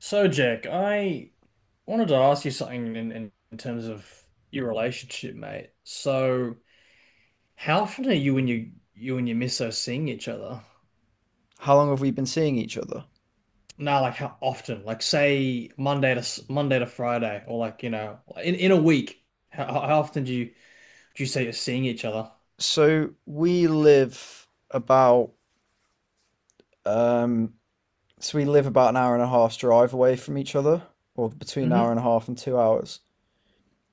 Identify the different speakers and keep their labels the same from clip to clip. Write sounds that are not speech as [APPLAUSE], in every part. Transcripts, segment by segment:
Speaker 1: So, Jack, I wanted to ask you something in terms of your relationship, mate. So, how often are you and your misso seeing each other?
Speaker 2: How long have we been seeing each other?
Speaker 1: No, like how often? Like say Monday to Friday, or like in a week. How often do you say you're seeing each other?
Speaker 2: So we live about um we live about an hour and a half's drive away from each other, or between an hour and
Speaker 1: Mm-hmm.
Speaker 2: a half and 2 hours.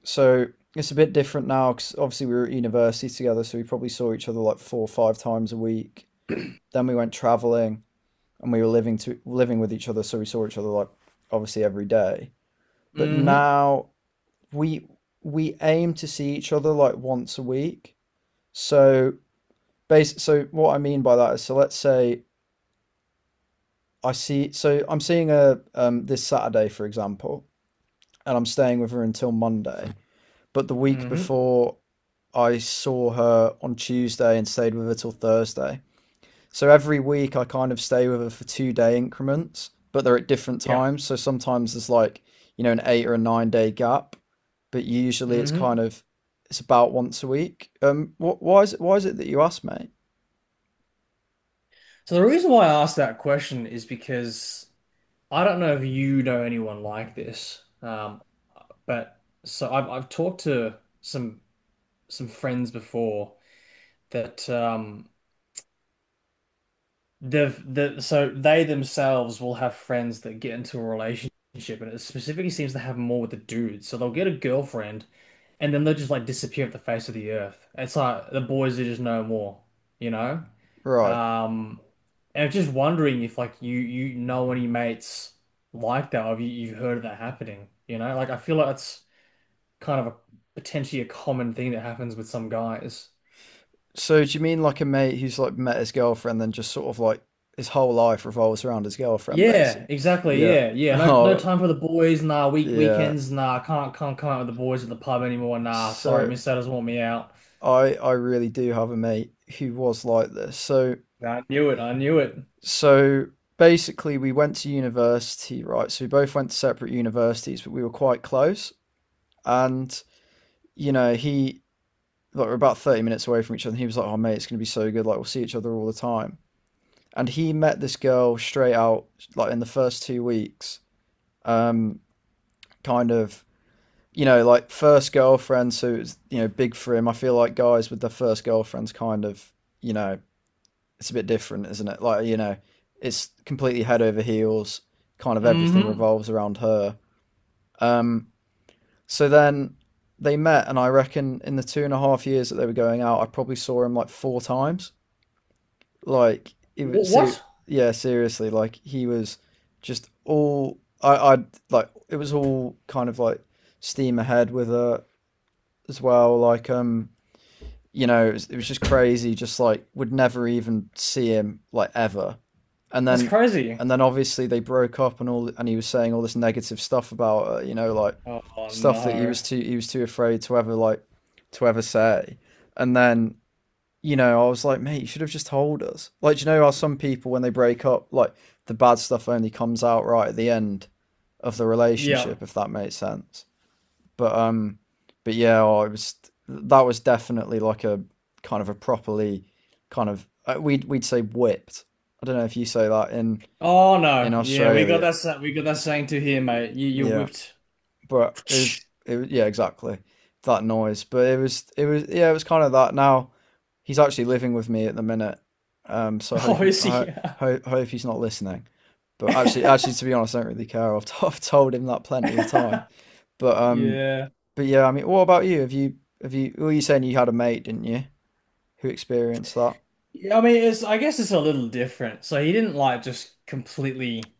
Speaker 2: So it's a bit different now because obviously we were at university together, so we probably saw each other like four or five times a week. Then we went traveling and we were living with each other, so we saw each other like obviously every day. But
Speaker 1: Mm-hmm.
Speaker 2: now we we aim to see each other like once a week. So Base. So what I mean by that is, so let's say I see. So I'm seeing her this Saturday, for example, and I'm staying with her until Monday. But the week
Speaker 1: Mm-hmm.
Speaker 2: before, I saw her on Tuesday and stayed with her till Thursday. So every week I kind of stay with her for two-day increments, but they're at different
Speaker 1: Yeah.
Speaker 2: times. So sometimes there's like, you know, an eight or a nine-day gap, but usually it's
Speaker 1: Mm-hmm.
Speaker 2: kind of it's about once a week. Why is it that you asked, mate?
Speaker 1: So the reason why I asked that question is because I don't know if you know anyone like this. But so I've talked to some friends before that they themselves will have friends that get into a relationship, and it specifically seems to happen more with the dudes. So they'll get a girlfriend, and then they'll just like disappear off the face of the earth. It's like the boys are just no more, you know?
Speaker 2: Right.
Speaker 1: Um and I'm just wondering if like you know any mates like that, or if you've heard of that happening, you know? Like I feel like it's kind of a potentially a common thing that happens with some guys.
Speaker 2: So do you mean like a mate who's like met his girlfriend, then just sort of like his whole life revolves around his girlfriend,
Speaker 1: Yeah,
Speaker 2: basically?
Speaker 1: exactly.
Speaker 2: Yeah.
Speaker 1: Yeah,
Speaker 2: [LAUGHS]
Speaker 1: yeah. No, no
Speaker 2: Oh,
Speaker 1: time for the boys. Nah, week
Speaker 2: yeah.
Speaker 1: weekends. Nah, can't come out with the boys at the pub anymore. Nah, sorry,
Speaker 2: So
Speaker 1: Miss Satters want me out.
Speaker 2: I really do have a mate who was like this. So
Speaker 1: I knew it. I knew it.
Speaker 2: so basically we went to university, right? So we both went to separate universities, but we were quite close. And you know, he like we're about 30 minutes away from each other, and he was like, "Oh mate, it's gonna be so good. Like we'll see each other all the time." And he met this girl straight out like in the first 2 weeks, um, kind of you know like first girlfriends who's you know big for him. I feel like guys with their first girlfriends kind of you know it's a bit different, isn't it? Like you know it's completely head over heels. Kind of everything
Speaker 1: Mm-hmm.
Speaker 2: revolves around her. Um, so then they met, and I reckon in the two and a half years that they were going out, I probably saw him like four times. like it was
Speaker 1: What?
Speaker 2: ser- yeah, seriously, like he was just all I like it was all kind of like steam ahead with her as well you know it was just crazy, just like would never even see him like ever. And
Speaker 1: That's
Speaker 2: then
Speaker 1: crazy.
Speaker 2: and then obviously they broke up and all and he was saying all this negative stuff about her, you know, like
Speaker 1: Oh
Speaker 2: stuff that
Speaker 1: no.
Speaker 2: he was too afraid to ever like to ever say. And then you know, I was like, mate, you should have just told us. Like, do you know how some people, when they break up, like the bad stuff only comes out right at the end of the
Speaker 1: Yeah.
Speaker 2: relationship, if that makes sense. But um, but yeah, I was that was definitely like a kind of a properly kind of we'd say whipped. I don't know if you say that
Speaker 1: Oh
Speaker 2: in
Speaker 1: no. Yeah, we got
Speaker 2: Australia,
Speaker 1: that. We got that saying to here, mate. You
Speaker 2: yeah,
Speaker 1: whipped.
Speaker 2: but
Speaker 1: [LAUGHS]
Speaker 2: it was, yeah exactly that noise. But it was yeah it was kind of that now. He's actually living with me at the minute, so I hope
Speaker 1: Oh, is
Speaker 2: I
Speaker 1: he?
Speaker 2: hope he's not listening. But actually, to be honest, I don't really care. [LAUGHS] I've told him that plenty of time.
Speaker 1: [LAUGHS]
Speaker 2: But um,
Speaker 1: Yeah.
Speaker 2: but yeah, I mean, what about you? Have you? Were you saying you had a mate, didn't you, who experienced that?
Speaker 1: Yeah, I mean, it's I guess it's a little different. So he didn't like just completely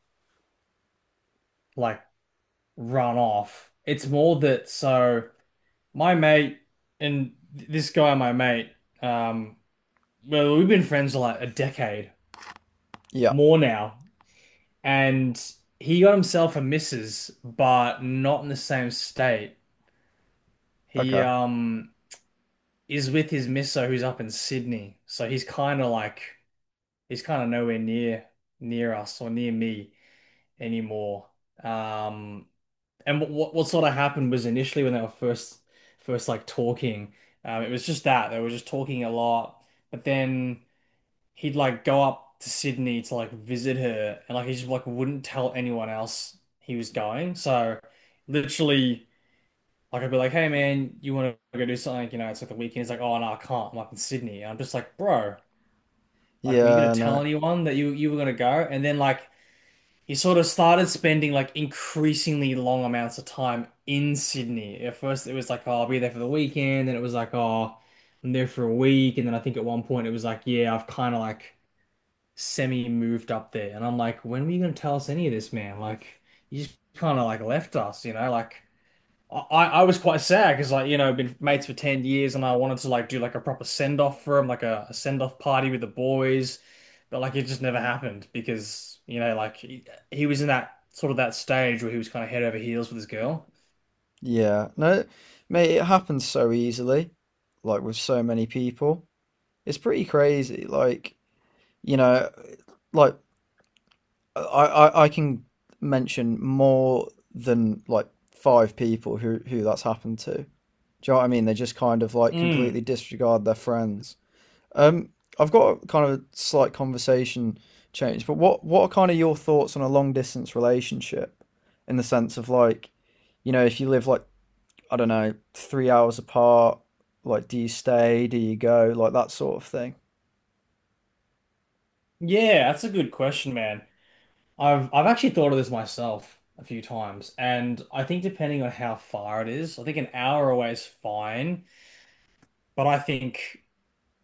Speaker 1: like run off. It's more that, so my mate, and this guy, my mate, um, well, we've been friends for like a decade
Speaker 2: Yeah.
Speaker 1: more now, and he got himself a missus, but not in the same state. He
Speaker 2: Okay.
Speaker 1: is with his misso who's up in Sydney, so he's kind of nowhere near us or near me anymore. Um, and what sort of happened was initially when they were first like talking, it was just that they were just talking a lot. But then he'd like go up to Sydney to like visit her, and like he just like wouldn't tell anyone else he was going. So literally. Like I'd be like, hey man, you want to go do something? You know, it's like the weekend. He's like, oh no, I can't. I'm up in Sydney. And I'm just like, bro, like, were you gonna
Speaker 2: Yeah.
Speaker 1: tell
Speaker 2: No.
Speaker 1: anyone that you were gonna go? And then like he sort of started spending like increasingly long amounts of time in Sydney. At first, it was like, oh, I'll be there for the weekend. And it was like, oh, I'm there for a week. And then I think at one point it was like, yeah, I've kind of like semi moved up there. And I'm like, when were you going to tell us any of this, man? Like, you just kind of like left us, you know? Like, I, I was quite sad because, like, been mates for 10 years, and I wanted to like do like a proper send off for him, like a send off party with the boys. But like it just never happened, because like he was in that sort of that stage where he was kind of head over heels with his girl.
Speaker 2: Yeah. No. Mate, it happens so easily, like with so many people. It's pretty crazy. Like you know, like I can mention more than like five people who that's happened to. Do you know what I mean? They just kind of like
Speaker 1: Mm,
Speaker 2: completely disregard their friends. Um, I've got a kind of a slight conversation change, but what are kind of your thoughts on a long distance relationship in the sense of like, you know, if you live like I don't know, 3 hours apart, like do you stay, do you go, like that sort of thing?
Speaker 1: yeah, that's a good question, man. I've actually thought of this myself a few times, and I think depending on how far it is, I think an hour away is fine. But I think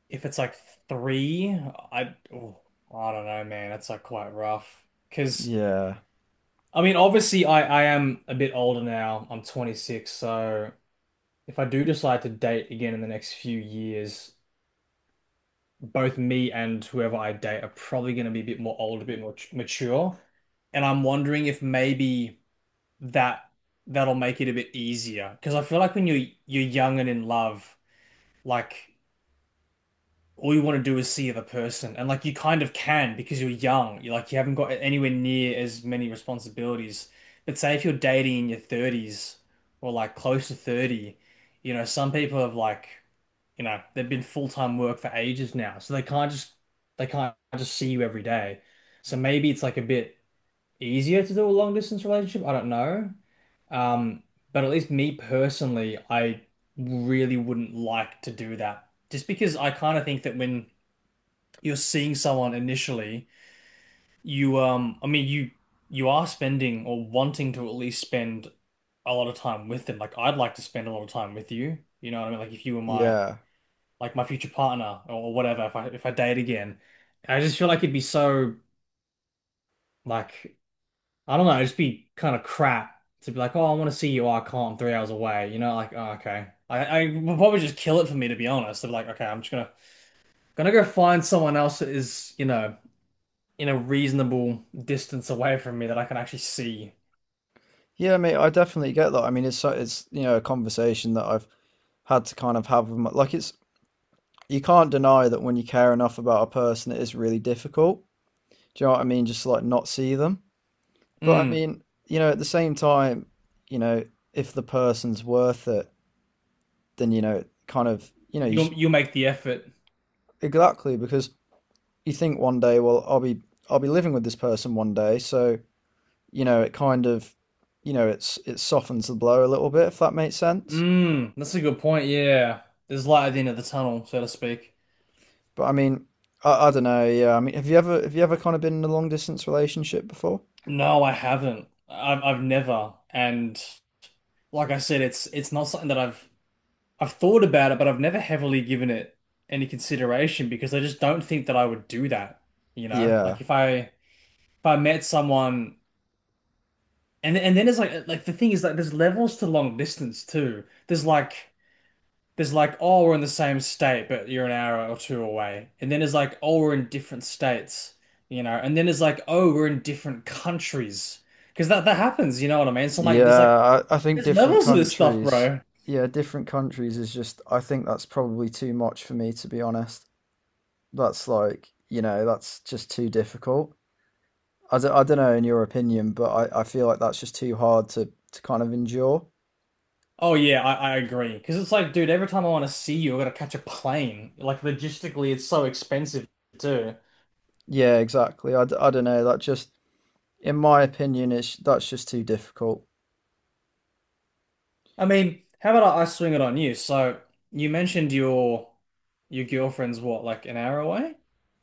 Speaker 1: if it's like three, I oh, I don't know, man. That's like quite rough. Because
Speaker 2: Yeah.
Speaker 1: I mean, obviously, I am a bit older now. I'm 26, so if I do decide to date again in the next few years, both me and whoever I date are probably going to be a bit more old, a bit more mature. And I'm wondering if maybe that that'll make it a bit easier. Because I feel like when you're young and in love, like, all you want to do is see the person. And like you kind of can because you're young. You haven't got anywhere near as many responsibilities. But say if you're dating in your 30s, or like close to 30, some people have, like, they've been full-time work for ages now. So they can't just see you every day. So maybe it's like a bit easier to do a long distance relationship. I don't know. Um, but at least me personally, I really wouldn't like to do that. Just because I kind of think that when you're seeing someone initially, you I mean, you are spending or wanting to at least spend a lot of time with them. Like I'd like to spend a lot of time with you. You know what I mean? Like if you were my
Speaker 2: Yeah.
Speaker 1: like my future partner or whatever, if I date again, I just feel like it'd be so, like, I don't know, it'd just be kind of crap to be like, oh, I want to see you. Oh, I can't. I'm 3 hours away. You know, like, oh, okay. I would probably just kill it for me, to be honest. They'd be like, okay, I'm just gonna go find someone else that is, in a reasonable distance away from me that I can actually see.
Speaker 2: Yeah, mate, I definitely get that. I mean, it's you know a conversation that I've had to kind of have with my, like it's you can't deny that when you care enough about a person, it is really difficult. Do you know what I mean? Just to, like not see them. But I
Speaker 1: Mm,
Speaker 2: mean, you know, at the same time, you know, if the person's worth it, then you know, kind of, you know, you
Speaker 1: you'll
Speaker 2: just
Speaker 1: you'll make the effort.
Speaker 2: exactly because you think one day, well, I'll be living with this person one day, so you know, it kind of, you know, it's it softens the blow a little bit if that makes sense.
Speaker 1: Mm, that's a good point. Yeah, there's light at the end of the tunnel, so to speak.
Speaker 2: But I mean, I don't know. Yeah, I mean, have you ever kind of been in a long distance relationship before?
Speaker 1: No, I haven't. I've never. And like I said, it's not something that I've thought about it, but I've never heavily given it any consideration, because I just don't think that I would do that. You know,
Speaker 2: Yeah,
Speaker 1: like if I met someone, and then it's like the thing is, like, there's levels to long distance too. There's like, oh, we're in the same state, but you're an hour or two away. And then it's like, oh, we're in different states, you know. And then it's like, oh, we're in different countries, because that that happens. You know what I mean? So I'm like, there's like
Speaker 2: yeah. I think
Speaker 1: there's
Speaker 2: different
Speaker 1: levels to this stuff,
Speaker 2: countries.
Speaker 1: bro.
Speaker 2: Yeah, different countries is just. I think that's probably too much for me to be honest. That's like you know that's just too difficult. I don't know in your opinion, but I feel like that's just too hard to kind of endure.
Speaker 1: Oh yeah, I agree. Because it's like, dude, every time I want to see you, I gotta catch a plane. Like logistically, it's so expensive too.
Speaker 2: Yeah, exactly. I don't know. That just in my opinion, it's that's just too difficult.
Speaker 1: I mean, how about I swing it on you? So you mentioned your girlfriend's what, like an hour away?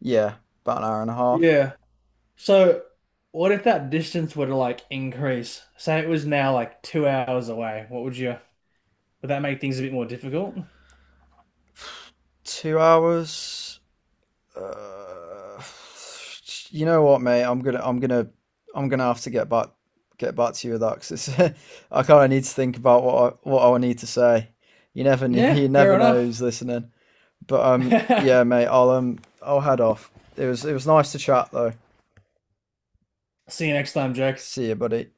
Speaker 2: Yeah, about an hour and a half,
Speaker 1: Yeah. So what if that distance were to like increase? Say it was now like 2 hours away. Would that make things a bit more difficult?
Speaker 2: 2 hours. Uh, you know what, mate? I'm gonna have to get back to you with that 'cause it's, [LAUGHS] I kind of need to think about what what I need to say. You never, kn- [LAUGHS]
Speaker 1: Yeah,
Speaker 2: You
Speaker 1: fair
Speaker 2: never know
Speaker 1: enough.
Speaker 2: who's listening. But Yeah, mate.
Speaker 1: [LAUGHS]
Speaker 2: I'll head off. It was nice to chat though.
Speaker 1: See you next time, Jack.
Speaker 2: See you, buddy.